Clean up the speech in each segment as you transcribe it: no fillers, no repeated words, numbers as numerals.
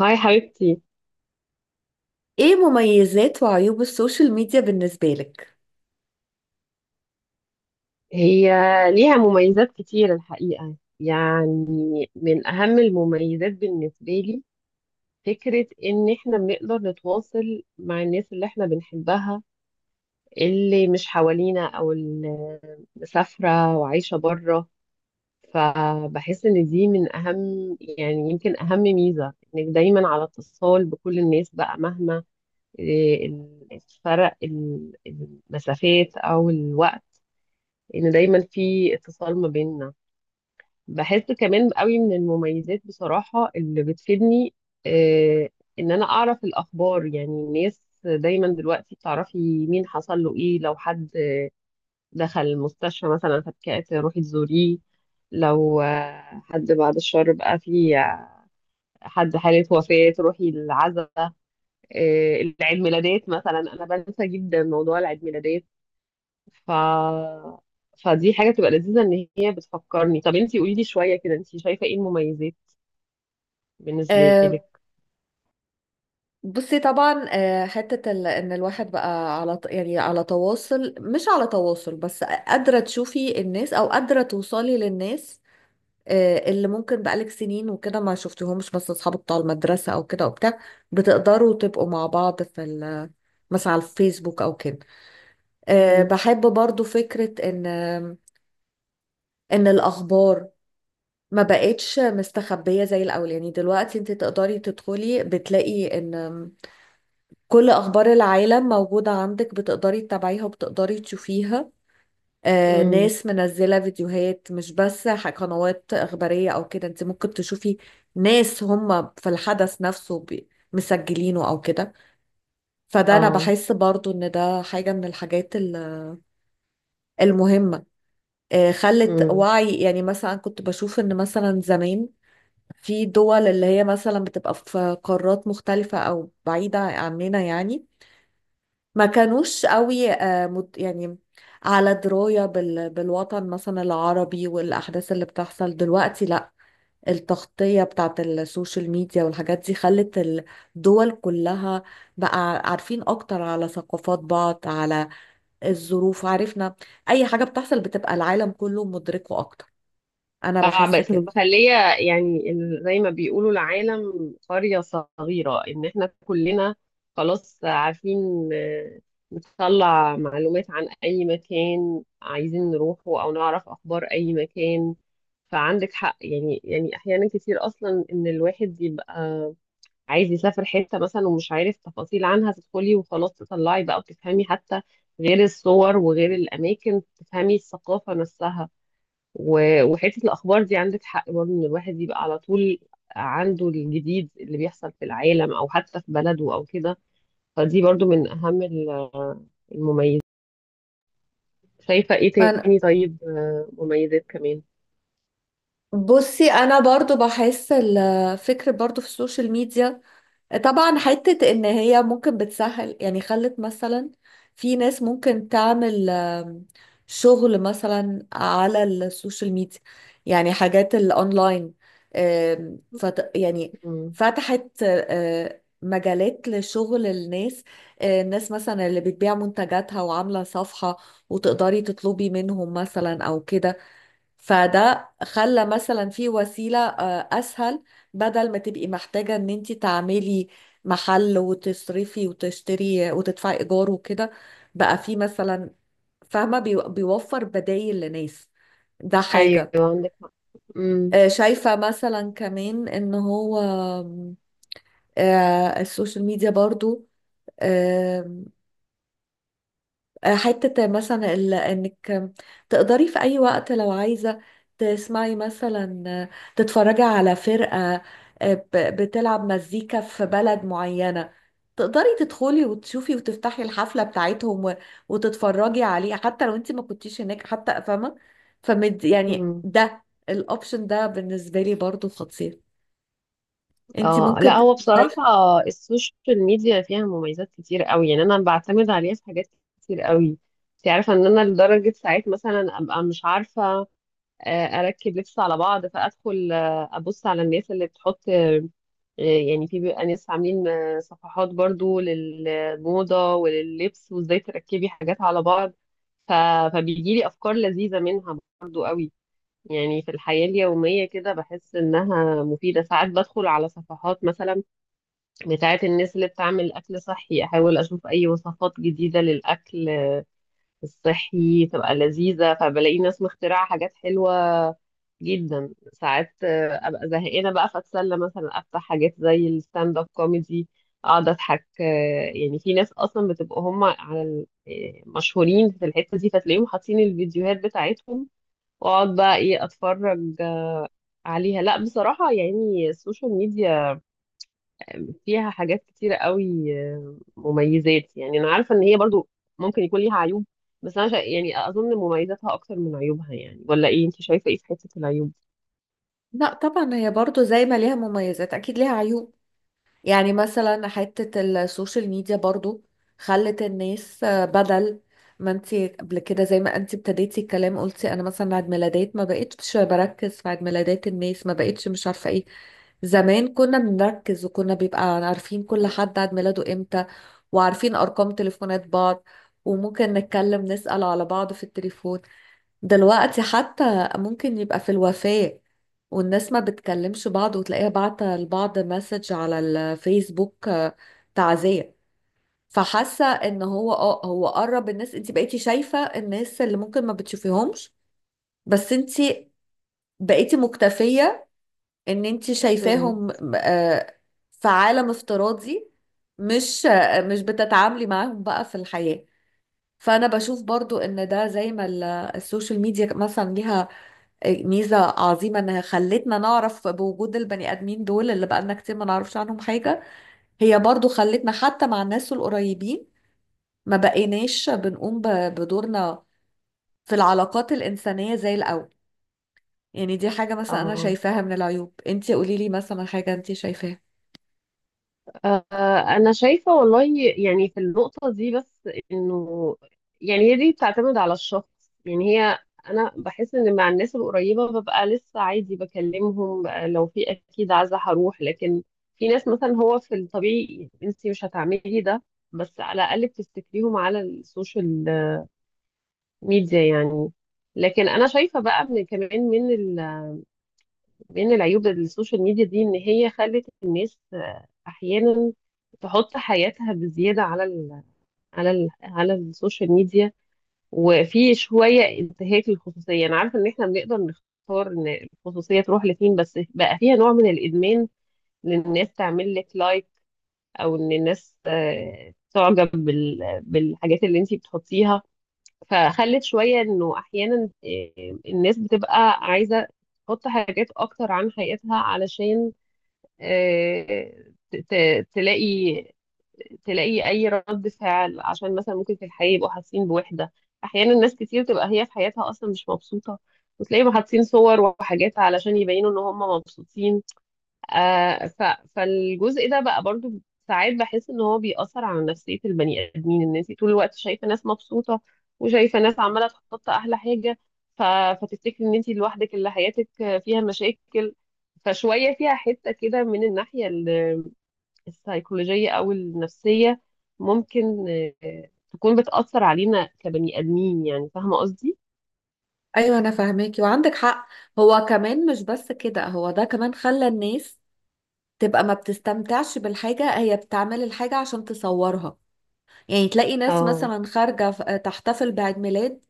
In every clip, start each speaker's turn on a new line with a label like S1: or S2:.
S1: هاي حبيبتي.
S2: ايه مميزات وعيوب السوشيال ميديا بالنسبة لك؟
S1: هي ليها مميزات كتير الحقيقة، يعني من أهم المميزات بالنسبة لي فكرة إن إحنا بنقدر نتواصل مع الناس اللي إحنا بنحبها، اللي مش حوالينا أو اللي مسافرة وعايشة بره. فبحس إن دي من أهم، يعني يمكن أهم ميزة، إنك دايما على اتصال بكل الناس بقى مهما إيه، الفرق، المسافات أو الوقت، ان دايما في اتصال ما بيننا. بحس كمان قوي من المميزات بصراحة اللي بتفيدني، آه، ان انا اعرف الاخبار. يعني الناس دايما دلوقتي بتعرفي مين حصل له ايه. لو حد دخل المستشفى مثلا فاتكأت روحي تزوريه، لو حد بعد الشر بقى في حد حالة وفاة روحي العزاء. العيد ميلادات مثلا انا بنسى جدا موضوع العيد ميلادات. ف فدي حاجة بتبقى لذيذة ان هي بتفكرني. طب انتي قولي لي شوية كده، انتي شايفة ايه المميزات بالنسبة
S2: أه
S1: لك؟
S2: بصي طبعا، حتة ان الواحد بقى على على تواصل، مش على تواصل بس، قادرة تشوفي الناس او قادرة توصلي للناس، أه اللي ممكن بقالك سنين وكده ما شفتيهمش، بس اصحاب بتوع المدرسة او كده وبتاع، بتقدروا تبقوا مع بعض في مثلا على الفيسبوك او كده. أه
S1: امم.
S2: بحب برضو فكرة ان الاخبار ما بقتش مستخبية زي الأول. يعني دلوقتي انت تقدري تدخلي بتلاقي ان كل أخبار العالم موجودة عندك، بتقدري تتابعيها وبتقدري تشوفيها.
S1: امم.
S2: ناس منزلة فيديوهات، مش بس قنوات إخبارية أو كده، انت ممكن تشوفي ناس هم في الحدث نفسه مسجلينه أو كده. فده أنا
S1: اه.
S2: بحس برضو ان ده حاجة من الحاجات المهمة. خلت
S1: امم.
S2: وعي، يعني مثلا كنت بشوف ان مثلا زمان في دول اللي هي مثلا بتبقى في قارات مختلفة أو بعيدة عننا، يعني ما كانوش قوي يعني على دراية بالوطن مثلا العربي والأحداث اللي بتحصل دلوقتي. لا، التغطية بتاعت السوشيال ميديا والحاجات دي خلت الدول كلها بقى عارفين أكتر على ثقافات بعض، على الظروف، عرفنا أي حاجة بتحصل بتبقى العالم كله مدركه أكتر. أنا
S1: اه
S2: بحس
S1: بس
S2: كده.
S1: مخلية، يعني زي ما بيقولوا العالم قرية صغيرة، ان احنا كلنا خلاص عارفين، نطلع معلومات عن اي مكان عايزين نروحه او نعرف اخبار اي مكان. فعندك حق، يعني يعني احيانا كتير اصلا ان الواحد يبقى عايز يسافر حتة مثلا ومش عارف تفاصيل عنها، تدخلي وخلاص تطلعي بقى وتفهمي، حتى غير الصور وغير الأماكن تفهمي الثقافة نفسها. وحتة الأخبار دي عندك حق برضه، إن الواحد يبقى على طول عنده الجديد اللي بيحصل في العالم أو حتى في بلده أو كده. فدي برضه من أهم المميزات. شايفة إيه تاني؟ طيب، مميزات كمان.
S2: بصي انا برضو بحس الفكر برضو في السوشيال ميديا، طبعا حتة ان هي ممكن بتسهل، يعني خلت مثلا في ناس ممكن تعمل شغل مثلا على السوشيال ميديا، يعني حاجات الاونلاين. آم، فت يعني
S1: مم.
S2: فتحت مجالات لشغل الناس. الناس مثلا اللي بتبيع منتجاتها وعاملة صفحة وتقدري تطلبي منهم مثلا او كده، فده خلى مثلا في وسيلة أسهل. بدل ما تبقي محتاجة إن أنت تعملي محل وتصرفي وتشتري وتدفعي إيجار وكده، بقى في مثلا، فاهمة، بيوفر بدايل لناس. ده
S1: أيوه
S2: حاجة.
S1: عندك حق. مم.
S2: شايفة مثلا كمان إن هو آم، آه، السوشيال ميديا برضو حتة مثلا انك تقدري في اي وقت لو عايزة تسمعي مثلا، تتفرجي على فرقة بتلعب مزيكا في بلد معينة، تقدري تدخلي وتشوفي وتفتحي الحفلة بتاعتهم وتتفرجي عليه حتى لو انت ما كنتيش هناك، حتى، فاهمة. فمد يعني
S1: مم.
S2: ده الاوبشن ده بالنسبة لي برضو خطير. انت
S1: اه لا،
S2: ممكن
S1: هو
S2: تبقي
S1: بصراحة
S2: شايفة.
S1: السوشيال ميديا فيها مميزات كتير قوي. يعني انا بعتمد عليها في حاجات كتير قوي. انت عارفة ان انا لدرجة ساعات مثلا ابقى مش عارفة اركب لبس على بعض، فادخل ابص على الناس اللي بتحط، يعني في بيبقى ناس عاملين صفحات برضو للموضة ولللبس وازاي تركبي حاجات على بعض. ف... فبيجيلي افكار لذيذة منها برضو قوي. يعني في الحياة اليومية كده بحس إنها مفيدة. ساعات بدخل على صفحات مثلا بتاعة الناس اللي بتعمل أكل صحي، أحاول أشوف أي وصفات جديدة للأكل الصحي تبقى لذيذة، فبلاقي ناس مخترعة حاجات حلوة جدا. ساعات أبقى زهقانة بقى فأتسلى مثلا أفتح حاجات زي الستاند أب كوميدي أقعد أضحك. يعني في ناس أصلا بتبقى هم على مشهورين في الحتة دي، فتلاقيهم حاطين الفيديوهات بتاعتهم واقعد بقى ايه اتفرج عليها. لا بصراحة يعني السوشيال ميديا فيها حاجات كتيرة قوي، مميزات. يعني أنا عارفة إن هي برضو ممكن يكون ليها عيوب، بس أنا يعني أظن مميزاتها أكتر من عيوبها، يعني ولا إيه؟ أنت شايفة إيه في حتة العيوب؟
S2: لا طبعا، هي برضو زي ما ليها مميزات اكيد ليها عيوب. يعني مثلا حتة السوشيال ميديا برضو خلت الناس، بدل ما انتي قبل كده زي ما انتي ابتديتي الكلام قلتي، انا مثلا عيد ميلادات ما بقتش بركز في عيد ميلادات الناس، ما بقتش مش عارفة ايه. زمان كنا بنركز وكنا بيبقى عارفين كل حد عيد ميلاده امتى، وعارفين ارقام تليفونات بعض، وممكن نتكلم نسأل على بعض في التليفون. دلوقتي حتى ممكن يبقى في الوفاة والناس ما بتكلمش بعض، وتلاقيها بعتة لبعض مسج على الفيسبوك تعزية. فحاسة ان هو اه هو قرب الناس، انت بقيتي شايفة الناس اللي ممكن ما بتشوفيهمش، بس انت بقيتي مكتفية ان انت
S1: امم.
S2: شايفاهم في عالم افتراضي، مش بتتعاملي معاهم بقى في الحياة. فانا بشوف برضو ان ده، زي ما السوشيال ميديا مثلا ليها ميزة عظيمة انها خلتنا نعرف بوجود البني ادمين دول اللي بقالنا كتير ما نعرفش عنهم حاجة، هي برضو خلتنا حتى مع الناس القريبين ما بقيناش بنقوم بدورنا في العلاقات الإنسانية زي الأول. يعني دي حاجة مثلا أنا
S1: اه.
S2: شايفاها من العيوب. انتي قولي لي مثلا حاجة انتي شايفاها.
S1: آه، أنا شايفة والله، يعني في النقطة دي بس إنه يعني هي دي بتعتمد على الشخص. يعني هي أنا بحس إن مع الناس القريبة ببقى لسه عادي بكلمهم، لو في أكيد عايزة هروح. لكن في ناس مثلا هو في الطبيعي أنت مش هتعملي ده، بس على الأقل بتفتكريهم على السوشيال ميديا يعني. لكن أنا شايفة بقى من كمان من العيوب السوشيال ميديا دي، ان هي خلت الناس احيانا تحط حياتها بزياده على السوشيال ميديا. وفي شويه انتهاك للخصوصيه، انا عارفه ان احنا بنقدر نختار ان الخصوصيه تروح لفين، بس بقى فيها نوع من الادمان ان الناس تعمل لك لايك او ان الناس تعجب بالحاجات اللي انتي بتحطيها. فخلت شويه انه احيانا الناس بتبقى عايزه تحط حاجات اكتر عن حياتها علشان آه، ت- تلاقي تلاقي اي رد فعل، عشان مثلا ممكن في الحياه يبقوا حاسين بوحده. احيانا ناس كتير تبقى هي في حياتها اصلا مش مبسوطه، وتلاقيهم حاطين صور وحاجات علشان يبينوا ان هم مبسوطين. آه ف... فالجزء ده بقى برضو ساعات بحس ان هو بيأثر على نفسية البني ادمين، ان انت طول الوقت شايفة ناس مبسوطة وشايفة ناس عمالة تحط احلى حاجة. ف... فتفتكري ان انت لوحدك اللي حياتك فيها مشاكل. فشوية فيها حتة كده من الناحية السيكولوجية او النفسية ممكن تكون بتأثر علينا كبني ادمين. يعني فاهمة قصدي؟
S2: أيوة، أنا فاهماكي وعندك حق. هو كمان مش بس كده، هو ده كمان خلى الناس تبقى ما بتستمتعش بالحاجة، هي بتعمل الحاجة عشان تصورها. يعني تلاقي ناس
S1: اه.
S2: مثلا خارجة تحتفل بعيد ميلاد،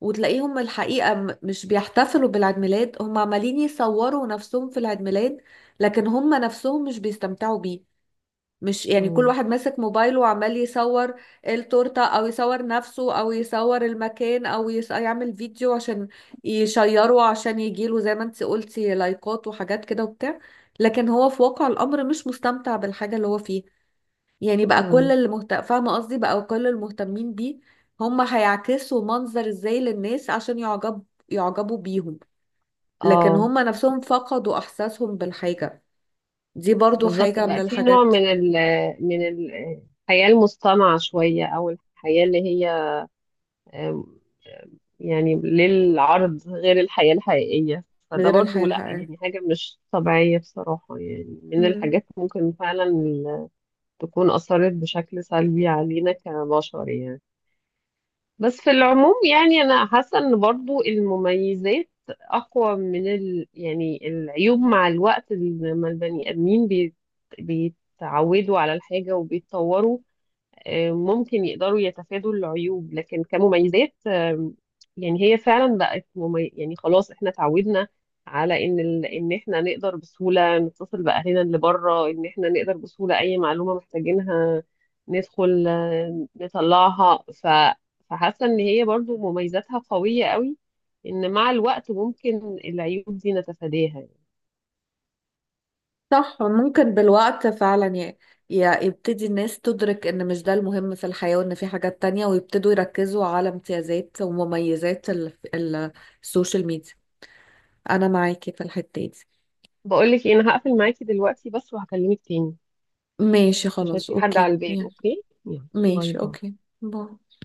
S2: وتلاقيهم الحقيقة مش بيحتفلوا بالعيد ميلاد، هم عمالين يصوروا نفسهم في العيد ميلاد، لكن هم نفسهم مش بيستمتعوا بيه. مش يعني كل
S1: امم.
S2: واحد ماسك موبايله وعمال يصور التورتة، أو يصور نفسه، أو يصور المكان، يعمل فيديو عشان يشيره، عشان يجيله زي ما انت قلتي لايكات وحاجات كده وبتاع، لكن هو في واقع الأمر مش مستمتع بالحاجة اللي هو فيها. يعني بقى
S1: امم.
S2: فاهمة قصدي، بقى كل المهتمين بيه هم هيعكسوا منظر ازاي للناس عشان يعجبوا بيهم، لكن
S1: اه
S2: هم نفسهم فقدوا احساسهم بالحاجة. دي برضو
S1: بالظبط،
S2: حاجة من
S1: بقى في نوع
S2: الحاجات
S1: الحياة المصطنعة شوية، أو الحياة اللي هي آم، آم، يعني للعرض غير الحياة الحقيقية. فده
S2: غير
S1: برضو
S2: الحياة
S1: لا
S2: الحقيقية.
S1: يعني حاجة مش طبيعية بصراحة، يعني من
S2: مم.
S1: الحاجات ممكن فعلا تكون أثرت بشكل سلبي علينا كبشر يعني. بس في العموم يعني انا حاسه ان برضو المميزات اقوى من يعني العيوب. مع الوقت لما البني ادمين بيتعودوا على الحاجه وبيتطوروا، ممكن يقدروا يتفادوا العيوب. لكن كمميزات، يعني هي فعلا يعني خلاص احنا اتعودنا على ان احنا نقدر بسهولة نتصل بأهلنا اللي بره، ان احنا نقدر بسهولة اي معلومة محتاجينها ندخل نطلعها. فحاسة ان هي برضو مميزاتها قوية قوي، ان مع الوقت ممكن العيوب دي نتفاداها.
S2: صح، ممكن بالوقت فعلا يبتدي الناس تدرك ان مش ده المهم في الحياة، وان في حاجات تانية، ويبتدوا يركزوا على امتيازات ومميزات السوشيال ميديا. انا معاكي في الحتة دي.
S1: بقولك إيه، انا هقفل معاكي دلوقتي بس وهكلمك تاني،
S2: ماشي
S1: عشان
S2: خلاص،
S1: في حد على
S2: اوكي.
S1: الباب. اوكي، يلا باي
S2: ماشي،
S1: باي.
S2: اوكي. باي.